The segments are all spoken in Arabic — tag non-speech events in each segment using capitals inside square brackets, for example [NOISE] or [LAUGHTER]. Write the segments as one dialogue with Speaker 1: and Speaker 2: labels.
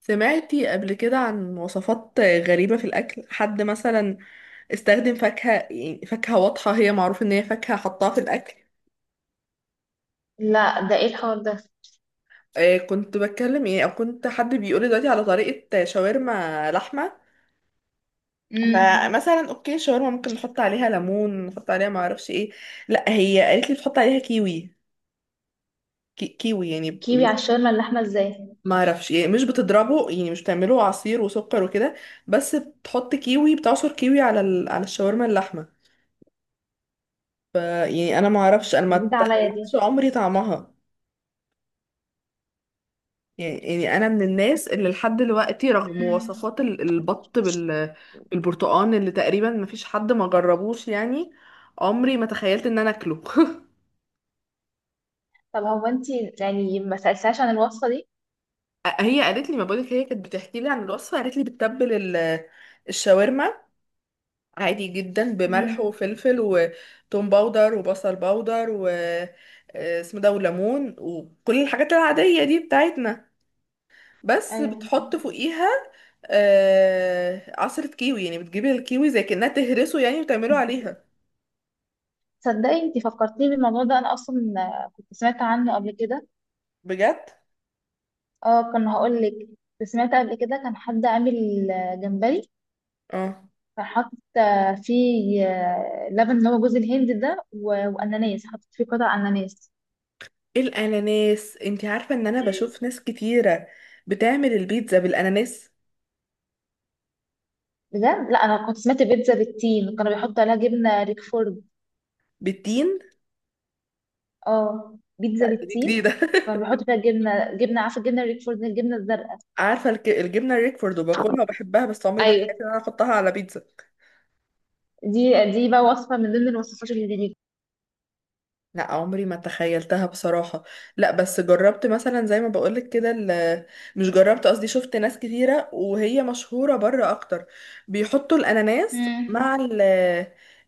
Speaker 1: سمعتي قبل كده عن وصفات غريبة في الأكل؟ حد مثلا استخدم فاكهة، يعني فاكهة واضحة هي معروف إن هي فاكهة حطها في الأكل.
Speaker 2: لا، ده ايه الحوار ده؟
Speaker 1: كنت بتكلم يعني، أو كنت حد بيقولي دلوقتي على طريقة شاورما لحمة.
Speaker 2: امم.
Speaker 1: فمثلا أوكي الشاورما ممكن نحط عليها ليمون، نحط عليها معرفش إيه. لأ، هي قالت لي تحط عليها كيوي. كيوي يعني،
Speaker 2: كيوي على الشاورما اللحمه ازاي؟
Speaker 1: معرفش يعني، مش بتضربه، يعني مش بتعمله عصير وسكر وكده. بس بتحط كيوي، بتعصر كيوي على على الشاورما اللحمة. ف يعني انا ما اعرفش، انا ما
Speaker 2: جديده عليا دي.
Speaker 1: اتخيلش عمري طعمها. يعني انا من الناس اللي لحد دلوقتي رغم
Speaker 2: امم.
Speaker 1: وصفات البط بالبرتقال اللي تقريبا ما فيش حد ما جربوش يعني. عمري ما تخيلت ان انا اكله [LAUGHS]
Speaker 2: طب هو انت، يعني ما سالتهاش عن الوصفه دي؟
Speaker 1: هي قالت لي، ما بقولك، هي كانت بتحكي لي عن الوصفه، قالت لي بتتبل الشاورما عادي جدا بملح
Speaker 2: امم.
Speaker 1: وفلفل وتوم باودر وبصل باودر و اسمه ده وليمون وكل الحاجات العاديه دي بتاعتنا. بس
Speaker 2: ايوه.
Speaker 1: بتحط فوقيها آه عصرة كيوي، يعني بتجيبي الكيوي زي كأنها تهرسه يعني وتعمله عليها.
Speaker 2: تصدقي، انت فكرتيني بالموضوع ده انا اصلا كنت سمعت عنه قبل كده.
Speaker 1: بجد.
Speaker 2: اه، كان هقول لك. كنت سمعت قبل كده كان حد عامل جمبري.
Speaker 1: اه،
Speaker 2: كان حاطط فيه لبن اللي هو جوز الهند ده واناناس حاطط فيه قطع اناناس.
Speaker 1: الاناناس انتي عارفة ان انا بشوف ناس كتيرة بتعمل البيتزا بالاناناس.
Speaker 2: بجد لا انا كنت سمعت بيتزا بالتين كانوا بيحطوا عليها جبنه ريكفورد.
Speaker 1: بالتين؟
Speaker 2: اه، بيتزا
Speaker 1: لا، دي
Speaker 2: بالتين.
Speaker 1: جديدة
Speaker 2: كنا
Speaker 1: [LAUGHS]
Speaker 2: بنحط فيها جبنه عارفه، الجبنه الريكفورد، الجبنه الزرقاء.
Speaker 1: عارفة الجبنة الريكفورد، وباكلها وبحبها، بس عمري ما
Speaker 2: ايوه.
Speaker 1: تخيلت ان انا احطها على بيتزا.
Speaker 2: دي بقى وصفه من ضمن الوصفات اللي جديده.
Speaker 1: لا، عمري ما تخيلتها بصراحة. لا، بس جربت مثلا زي ما بقولك كده مش جربت، قصدي شفت ناس كتيرة، وهي مشهورة بره أكتر، بيحطوا الأناناس مع
Speaker 2: امم.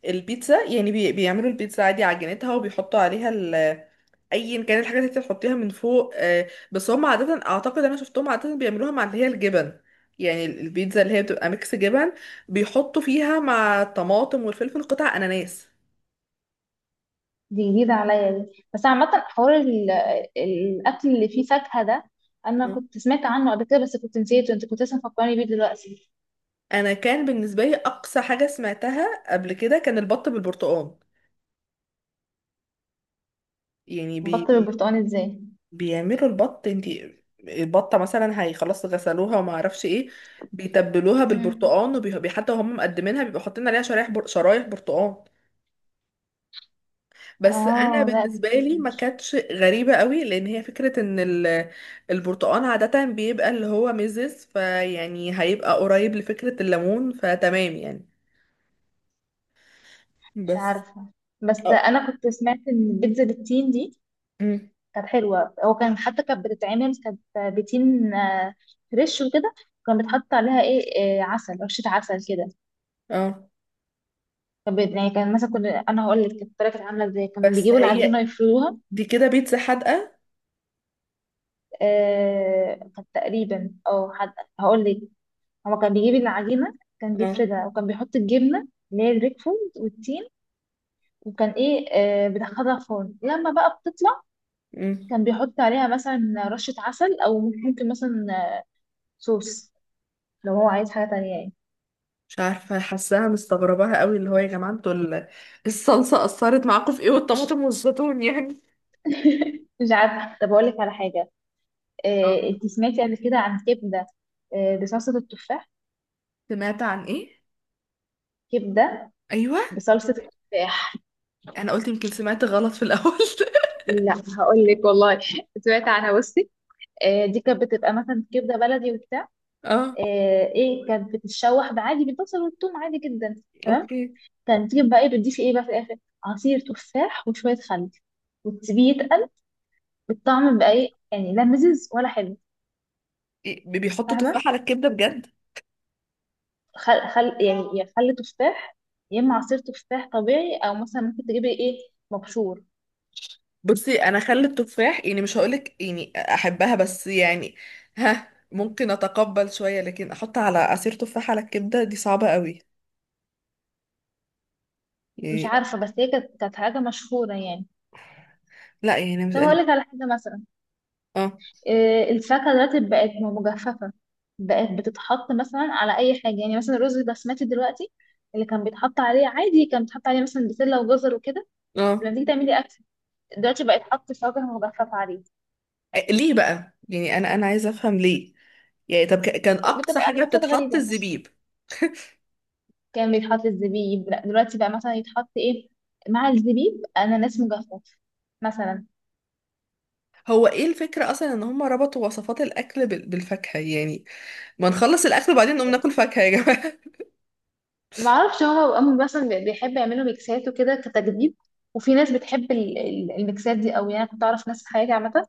Speaker 1: البيتزا يعني. بيعملوا البيتزا عادي عجينتها وبيحطوا عليها أيا كان الحاجات اللي انت بتحطيها من فوق، بس هم عادة، أعتقد أنا شفتهم عادة بيعملوها مع اللي هي الجبن. يعني البيتزا اللي هي بتبقى ميكس جبن، بيحطوا فيها مع الطماطم والفلفل قطع أناناس.
Speaker 2: دي جديده عليا دي، بس عامه حوار الاكل اللي فيه فاكهه ده. انا كنت سمعت عنه قبل كده بس كنت نسيته، انت كنت لسه مفكراني بيه دلوقتي.
Speaker 1: انا كان بالنسبه لي اقصى حاجه سمعتها قبل كده كان البط بالبرتقال. يعني
Speaker 2: بطل البرتقال ازاي؟
Speaker 1: بيعملوا البط. انتي البطه مثلا هي خلاص غسلوها وما اعرفش ايه، بيتبلوها
Speaker 2: امم.
Speaker 1: بالبرتقال، وبي حتى وهم مقدمينها بيبقوا حاطين عليها شرايح شرايح برتقال. بس انا
Speaker 2: اه، لا دي
Speaker 1: بالنسبه
Speaker 2: جديدة.
Speaker 1: لي ما
Speaker 2: مش
Speaker 1: كانتش غريبه قوي، لان هي فكره ان البرتقال عاده بيبقى اللي هو ميزز، فيعني هيبقى قريب لفكره الليمون، فتمام يعني.
Speaker 2: مش
Speaker 1: بس
Speaker 2: عارفه، بس
Speaker 1: اه.
Speaker 2: انا كنت سمعت ان البيتزا بالتين دي
Speaker 1: أمم.
Speaker 2: كانت حلوة، هو كان حتى كانت بتتعمل، كانت بتين فريش وكده. كان بيتحط عليها ايه؟ عسل، رشة عسل كده.
Speaker 1: اه،
Speaker 2: كان يعني كان مثلا كنا، انا هقول لك، كانت الطريقة كانت عاملة ازاي، كان
Speaker 1: بس
Speaker 2: بيجيبوا
Speaker 1: هي
Speaker 2: العجينة يفردوها.
Speaker 1: دي كده بيتزا حادقة.
Speaker 2: كانت تقريبا او حد. هقول لك. هو كان بيجيب العجينة. كان
Speaker 1: اه.
Speaker 2: بيفردها وكان بيحط الجبنة اللي هي الريكفورد والتين. وكان ايه بيدخلها فرن لما بقى بتطلع.
Speaker 1: مم.
Speaker 2: كان بيحط عليها مثلا رشة عسل، او ممكن مثلا صوص لو هو عايز حاجة تانية يعني.
Speaker 1: مش عارفة، حاساها مستغرباها قوي. اللي هو يا جماعة انتوا الصلصة أثرت معاكم في ايه والطماطم والزيتون يعني.
Speaker 2: [LAUGHS] مش عارفه، طب اقول لك على حاجه. إيه،
Speaker 1: آه.
Speaker 2: انت سمعتي قبل كده عن كبده إيه، بصلصه التفاح؟
Speaker 1: سمعت عن ايه؟
Speaker 2: كبده.
Speaker 1: ايوه.
Speaker 2: بصلصه التفاح.
Speaker 1: انا قلت يمكن سمعت غلط في الأول [LAUGHS]
Speaker 2: لا. هقول لك والله [LAUGHS] سمعت عنها، بصي. إيه، دي كانت بتبقى مثلا كبده بلدي وبتاع.
Speaker 1: اه.
Speaker 2: ايه كانت بتتشوح بعادي بالبصل والثوم عادي جدا. تمام.
Speaker 1: اوكي.
Speaker 2: كانت تجيب بقى ايه؟ بتضيفي ايه بقى في الاخر؟ عصير تفاح وشويه خل وتسيبيه يتقل. بالطعم بقى ايه يعني؟ لا مزز ولا حلو.
Speaker 1: إيه، بيحطوا
Speaker 2: فاهمه.
Speaker 1: تفاح على الكبدة بجد؟
Speaker 2: خل يعني، يا خل تفاح يا اما عصير تفاح طبيعي، او مثلا ممكن تجيبي ايه، مبشور.
Speaker 1: بصي، انا خلي التفاح يعني، مش هقولك يعني احبها، بس يعني ها ممكن اتقبل شوية، لكن احط على عصير تفاح على الكبدة دي صعبة قوي
Speaker 2: مش
Speaker 1: يعني.
Speaker 2: عارفه، بس هي كانت حاجه مشهوره يعني.
Speaker 1: لا يعني مش
Speaker 2: طب هقول
Speaker 1: يعني،
Speaker 2: لك على حاجه مثلا.
Speaker 1: اه.
Speaker 2: إيه، الفاكهه دلوقتي بقت مجففه، بقت بتتحط مثلا على اي حاجه يعني، مثلا الرز البسمتي دلوقتي اللي كان بيتحط عليه عادي كان بيتحط عليه مثلا بسله وجزر وكده،
Speaker 1: اه.
Speaker 2: لما تيجي تعملي اكل دلوقتي بقت حط فاكهه مجففه عليه.
Speaker 1: ليه بقى؟ يعني انا عايزه افهم ليه. يعني طب كان اقصى
Speaker 2: بتبقى
Speaker 1: حاجه
Speaker 2: ميكسات
Speaker 1: بتتحط
Speaker 2: غريبه.
Speaker 1: الزبيب.
Speaker 2: كان بيتحط الزبيب، لا دلوقتي بقى مثلا يتحط ايه؟ مع الزبيب اناناس مجفف مثلا.
Speaker 1: هو ايه الفكره اصلا ان هم ربطوا وصفات الاكل بالفاكهه يعني؟ ما نخلص الاكل وبعدين نقوم ناكل فاكهه يا جماعه [LAUGHS]
Speaker 2: ما اعرفش، هو امي مثلا بيحب يعملوا ميكسات وكده كتجديد. وفي ناس بتحب الميكسات دي قوي يعني، أنا كنت اعرف ناس في حياتي عامه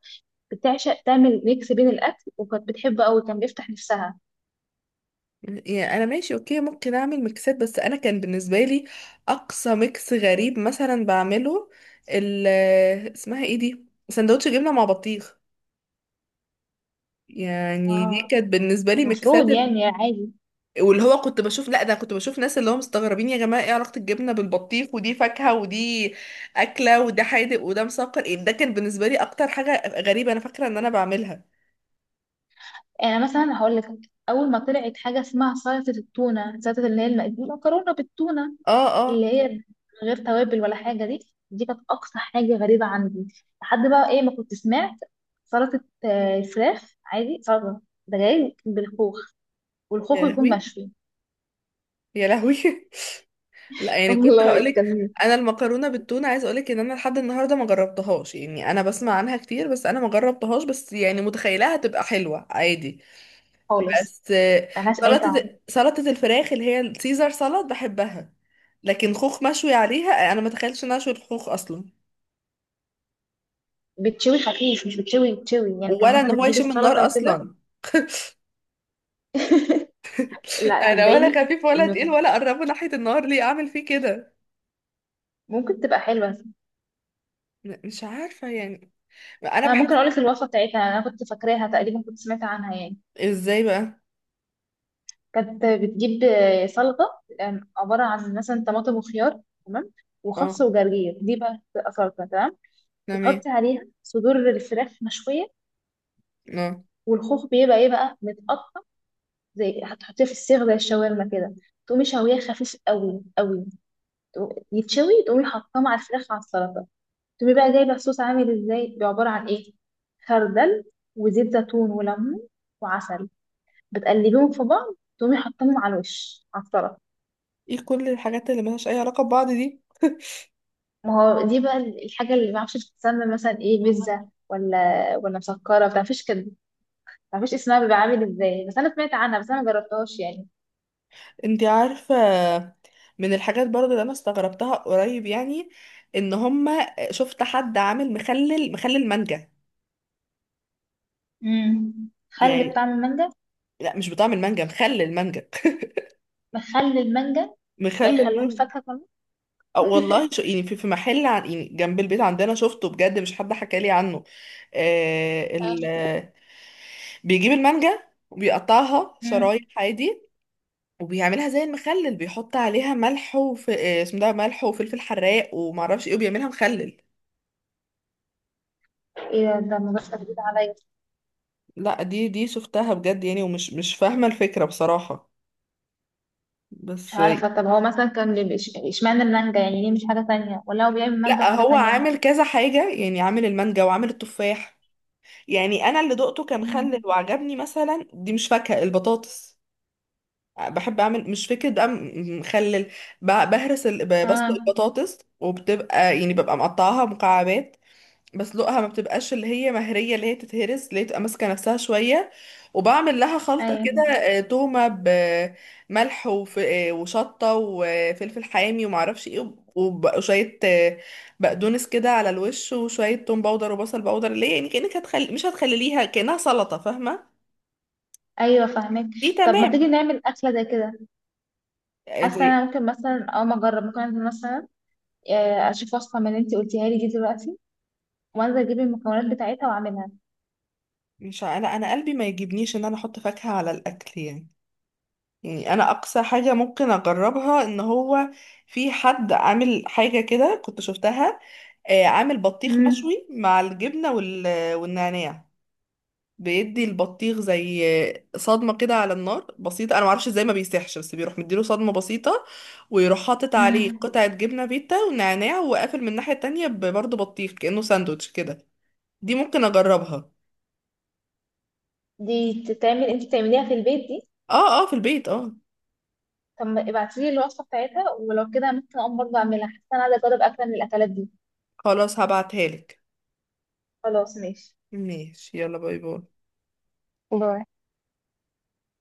Speaker 2: بتعشق تعمل ميكس بين الاكل وكانت بتحبه قوي، كان بيفتح نفسها.
Speaker 1: يعني انا ماشي، اوكي، ممكن اعمل ميكسات، بس انا كان بالنسبه لي اقصى ميكس غريب مثلا بعمله ال اسمها ايه دي، سندوتش جبنه مع بطيخ. يعني دي
Speaker 2: اه،
Speaker 1: كانت بالنسبه لي ميكسات.
Speaker 2: المفروض يعني عادي.
Speaker 1: واللي هو كنت بشوف، لا ده كنت بشوف ناس اللي هم مستغربين يا جماعه ايه علاقه الجبنه بالبطيخ، ودي فاكهه ودي اكله، وده حادق وده مسكر، ايه ده؟ كان بالنسبه لي اكتر حاجه غريبه انا فاكره ان انا بعملها.
Speaker 2: يعني مثلا هقول لك، اول ما طلعت حاجه اسمها سلطه التونه، سلطه اللي هي المكرونه بالتونه
Speaker 1: اه. اه.
Speaker 2: اللي هي من غير توابل ولا حاجه دي، دي كانت اقصى حاجه غريبه عندي. لحد بقى ايه ما كنت سمعت سلطه فراخ عادي، سلطه ده جاي بالخوخ، والخوخ
Speaker 1: يا
Speaker 2: يكون
Speaker 1: لهوي.
Speaker 2: مشوي.
Speaker 1: يا لهوي [LAUGHS] لا
Speaker 2: [LAUGHS]
Speaker 1: يعني كنت
Speaker 2: والله
Speaker 1: هقولك،
Speaker 2: كان
Speaker 1: انا المكرونه بالتونه عايزه اقولك ان انا لحد النهارده ما جربتهاش، يعني انا بسمع عنها كتير بس انا ما جربتهاش، بس يعني متخيلها هتبقى حلوه عادي.
Speaker 2: خالص،
Speaker 1: بس آه،
Speaker 2: ملهاش اي طعم.
Speaker 1: سلطة الفراخ اللي هي السيزر سلطة بحبها. لكن خوخ مشوي عليها، انا ما تخيلش ان أنا اشوي الخوخ اصلا،
Speaker 2: بتشوي خفيف، مش بتشوي، بتشوي يعني كان
Speaker 1: ولا ان
Speaker 2: مثلا
Speaker 1: هو
Speaker 2: بتجيب
Speaker 1: يشم
Speaker 2: السلطه
Speaker 1: النار
Speaker 2: وكده.
Speaker 1: اصلا
Speaker 2: [LAUGHS]
Speaker 1: [LAUGHS]
Speaker 2: لا،
Speaker 1: انا ولا
Speaker 2: صدقيني،
Speaker 1: خفيف ولا
Speaker 2: انه
Speaker 1: تقيل ولا قربه ناحية النار، ليه اعمل فيه كده؟
Speaker 2: ممكن تبقى حلوه.
Speaker 1: مش عارفة يعني. انا
Speaker 2: انا ممكن
Speaker 1: بحس.
Speaker 2: اقول لك الوصفه بتاعتها، انا كنت فاكراها تقريبا، كنت سمعت عنها يعني.
Speaker 1: ازاي بقى؟
Speaker 2: كانت بتجيب سلطه عباره عن مثلا طماطم وخيار، تمام،
Speaker 1: اه.
Speaker 2: وخس وجرجير، دي بقى بتبقى سلطه، تمام.
Speaker 1: تمام.
Speaker 2: بتحطي عليها صدور الفراخ مشويه.
Speaker 1: اه.
Speaker 2: والخوخ بيبقى ايه بقى، متقطع، زي هتحطيه في السيخ زي الشاورما كده. تقومي شويه خفيف قوي قوي، يتشوي، تقومي حاطاه مع الفراخ على السلطه. تقومي بقى جايبه الصوص عامل ازاي؟ بيبقى عباره عن ايه؟ خردل وزيت زيتون وليمون وعسل، بتقلبيهم في بعض، تقومي حاطاهم على الوش على الطرف.
Speaker 1: ايه كل الحاجات اللي ملهاش اي علاقة ببعض دي؟
Speaker 2: ما هو دي بقى الحاجة اللي ما اعرفش بتتسمى مثلا ايه، بيتزا ولا مسكرة، ما تعرفيش كده، ما تعرفيش اسمها بيبقى عامل ازاي، بس انا سمعت عنها بس انا ما جربتهاش يعني.
Speaker 1: انتي عارفة، من الحاجات برضه اللي انا استغربتها قريب يعني، ان هما شفت حد عامل مخلل، مانجا.
Speaker 2: امم. خل
Speaker 1: يعني
Speaker 2: بطعم المانجا؟
Speaker 1: لا، مش بطعم المانجا، مخلل المانجا [LAUGHS]
Speaker 2: بخلي المانجا.
Speaker 1: مخلل
Speaker 2: بيخلوه
Speaker 1: المانجا.
Speaker 2: الفاكهة كمان.
Speaker 1: أو والله شو يعني، في محل عن يعني جنب البيت عندنا شفته بجد، مش حد حكى لي عنه. آه ال
Speaker 2: آه.
Speaker 1: آه، بيجيب المانجا وبيقطعها
Speaker 2: امم.
Speaker 1: شرايح عادي، وبيعملها زي المخلل، بيحط عليها ملح وف... آه، اسمه ده ملح وفلفل حراق ومعرفش ايه وبيعملها مخلل.
Speaker 2: ايه ده؟ ده الموضوع جديد عليا.
Speaker 1: لا دي شفتها بجد يعني، مش فاهمة الفكرة بصراحة.
Speaker 2: مش
Speaker 1: بس آه،
Speaker 2: عارفة، طب هو مثلا كان بيبقى اشمعنى المانجا يعني؟ ليه مش حاجة تانية، ولا هو بيعمل مانجا
Speaker 1: لا
Speaker 2: وحاجة
Speaker 1: هو
Speaker 2: تانية؟
Speaker 1: عامل كذا حاجة يعني، عامل المانجا وعامل التفاح. يعني انا اللي دقته كان مخلل
Speaker 2: امم.
Speaker 1: وعجبني، مثلا دي مش فاكهة، البطاطس. بحب اعمل، مش فكرة بقى مخلل. بهرس بسلق
Speaker 2: اه.
Speaker 1: البطاطس، وبتبقى يعني ببقى مقطعاها مكعبات، بس لقها ما بتبقاش اللي هي مهرية، اللي هي تتهرس، اللي هي تبقى ماسكة نفسها شوية. وبعمل لها خلطة كده،
Speaker 2: ايوه.
Speaker 1: تومة بملح وف- آه، وشطة وفلفل حامي ومعرفش ايه وشوية بقدونس كده على الوش، وشوية توم باودر وبصل باودر، اللي هي يعني كأنك هتخلي، مش هتخليليها كأنها سلطة، فاهمة؟
Speaker 2: ايوه، فاهمك.
Speaker 1: دي
Speaker 2: طب ما
Speaker 1: تمام.
Speaker 2: تيجي نعمل اكله زي كده؟
Speaker 1: آه،
Speaker 2: حاسه
Speaker 1: دي
Speaker 2: انا ممكن مثلا اول ما اجرب، ممكن انزل مثلا اشوف وصفه من اللي انت قلتيها لي دي دلوقتي وانزل اجيب المكونات بتاعتها واعملها.
Speaker 1: مش ع- انا قلبي ما يجيبنيش ان انا احط فاكهة على الاكل يعني. يعني انا اقصى حاجة ممكن اجربها، ان هو في حد عامل حاجة كده كنت شفتها، عامل بطيخ
Speaker 2: امم.
Speaker 1: مشوي مع الجبنة والنعناع. بيدي البطيخ زي صدمة كده على النار بسيطة، انا معرفش ازاي ما بيسيحش، بس بيروح مديله صدمة بسيطة، ويروح حاطط عليه
Speaker 2: امم.
Speaker 1: قطعة جبنة فيتا ونعناع وقافل من الناحية التانية برضه بطيخ كأنه ساندوتش كده. دي ممكن اجربها.
Speaker 2: دي تتعمل، انت بتعمليها في البيت دي؟
Speaker 1: اه. اه، في البيت اه.
Speaker 2: طب ابعتي لي الوصفه بتاعتها ولو كده ممكن اقوم برضه اعملها، حاسه انا عايزه اجرب اكله من الاكلات دي.
Speaker 1: خلاص هبعتها لك.
Speaker 2: خلاص ماشي.
Speaker 1: ماشي. يلا باي باي.
Speaker 2: باي.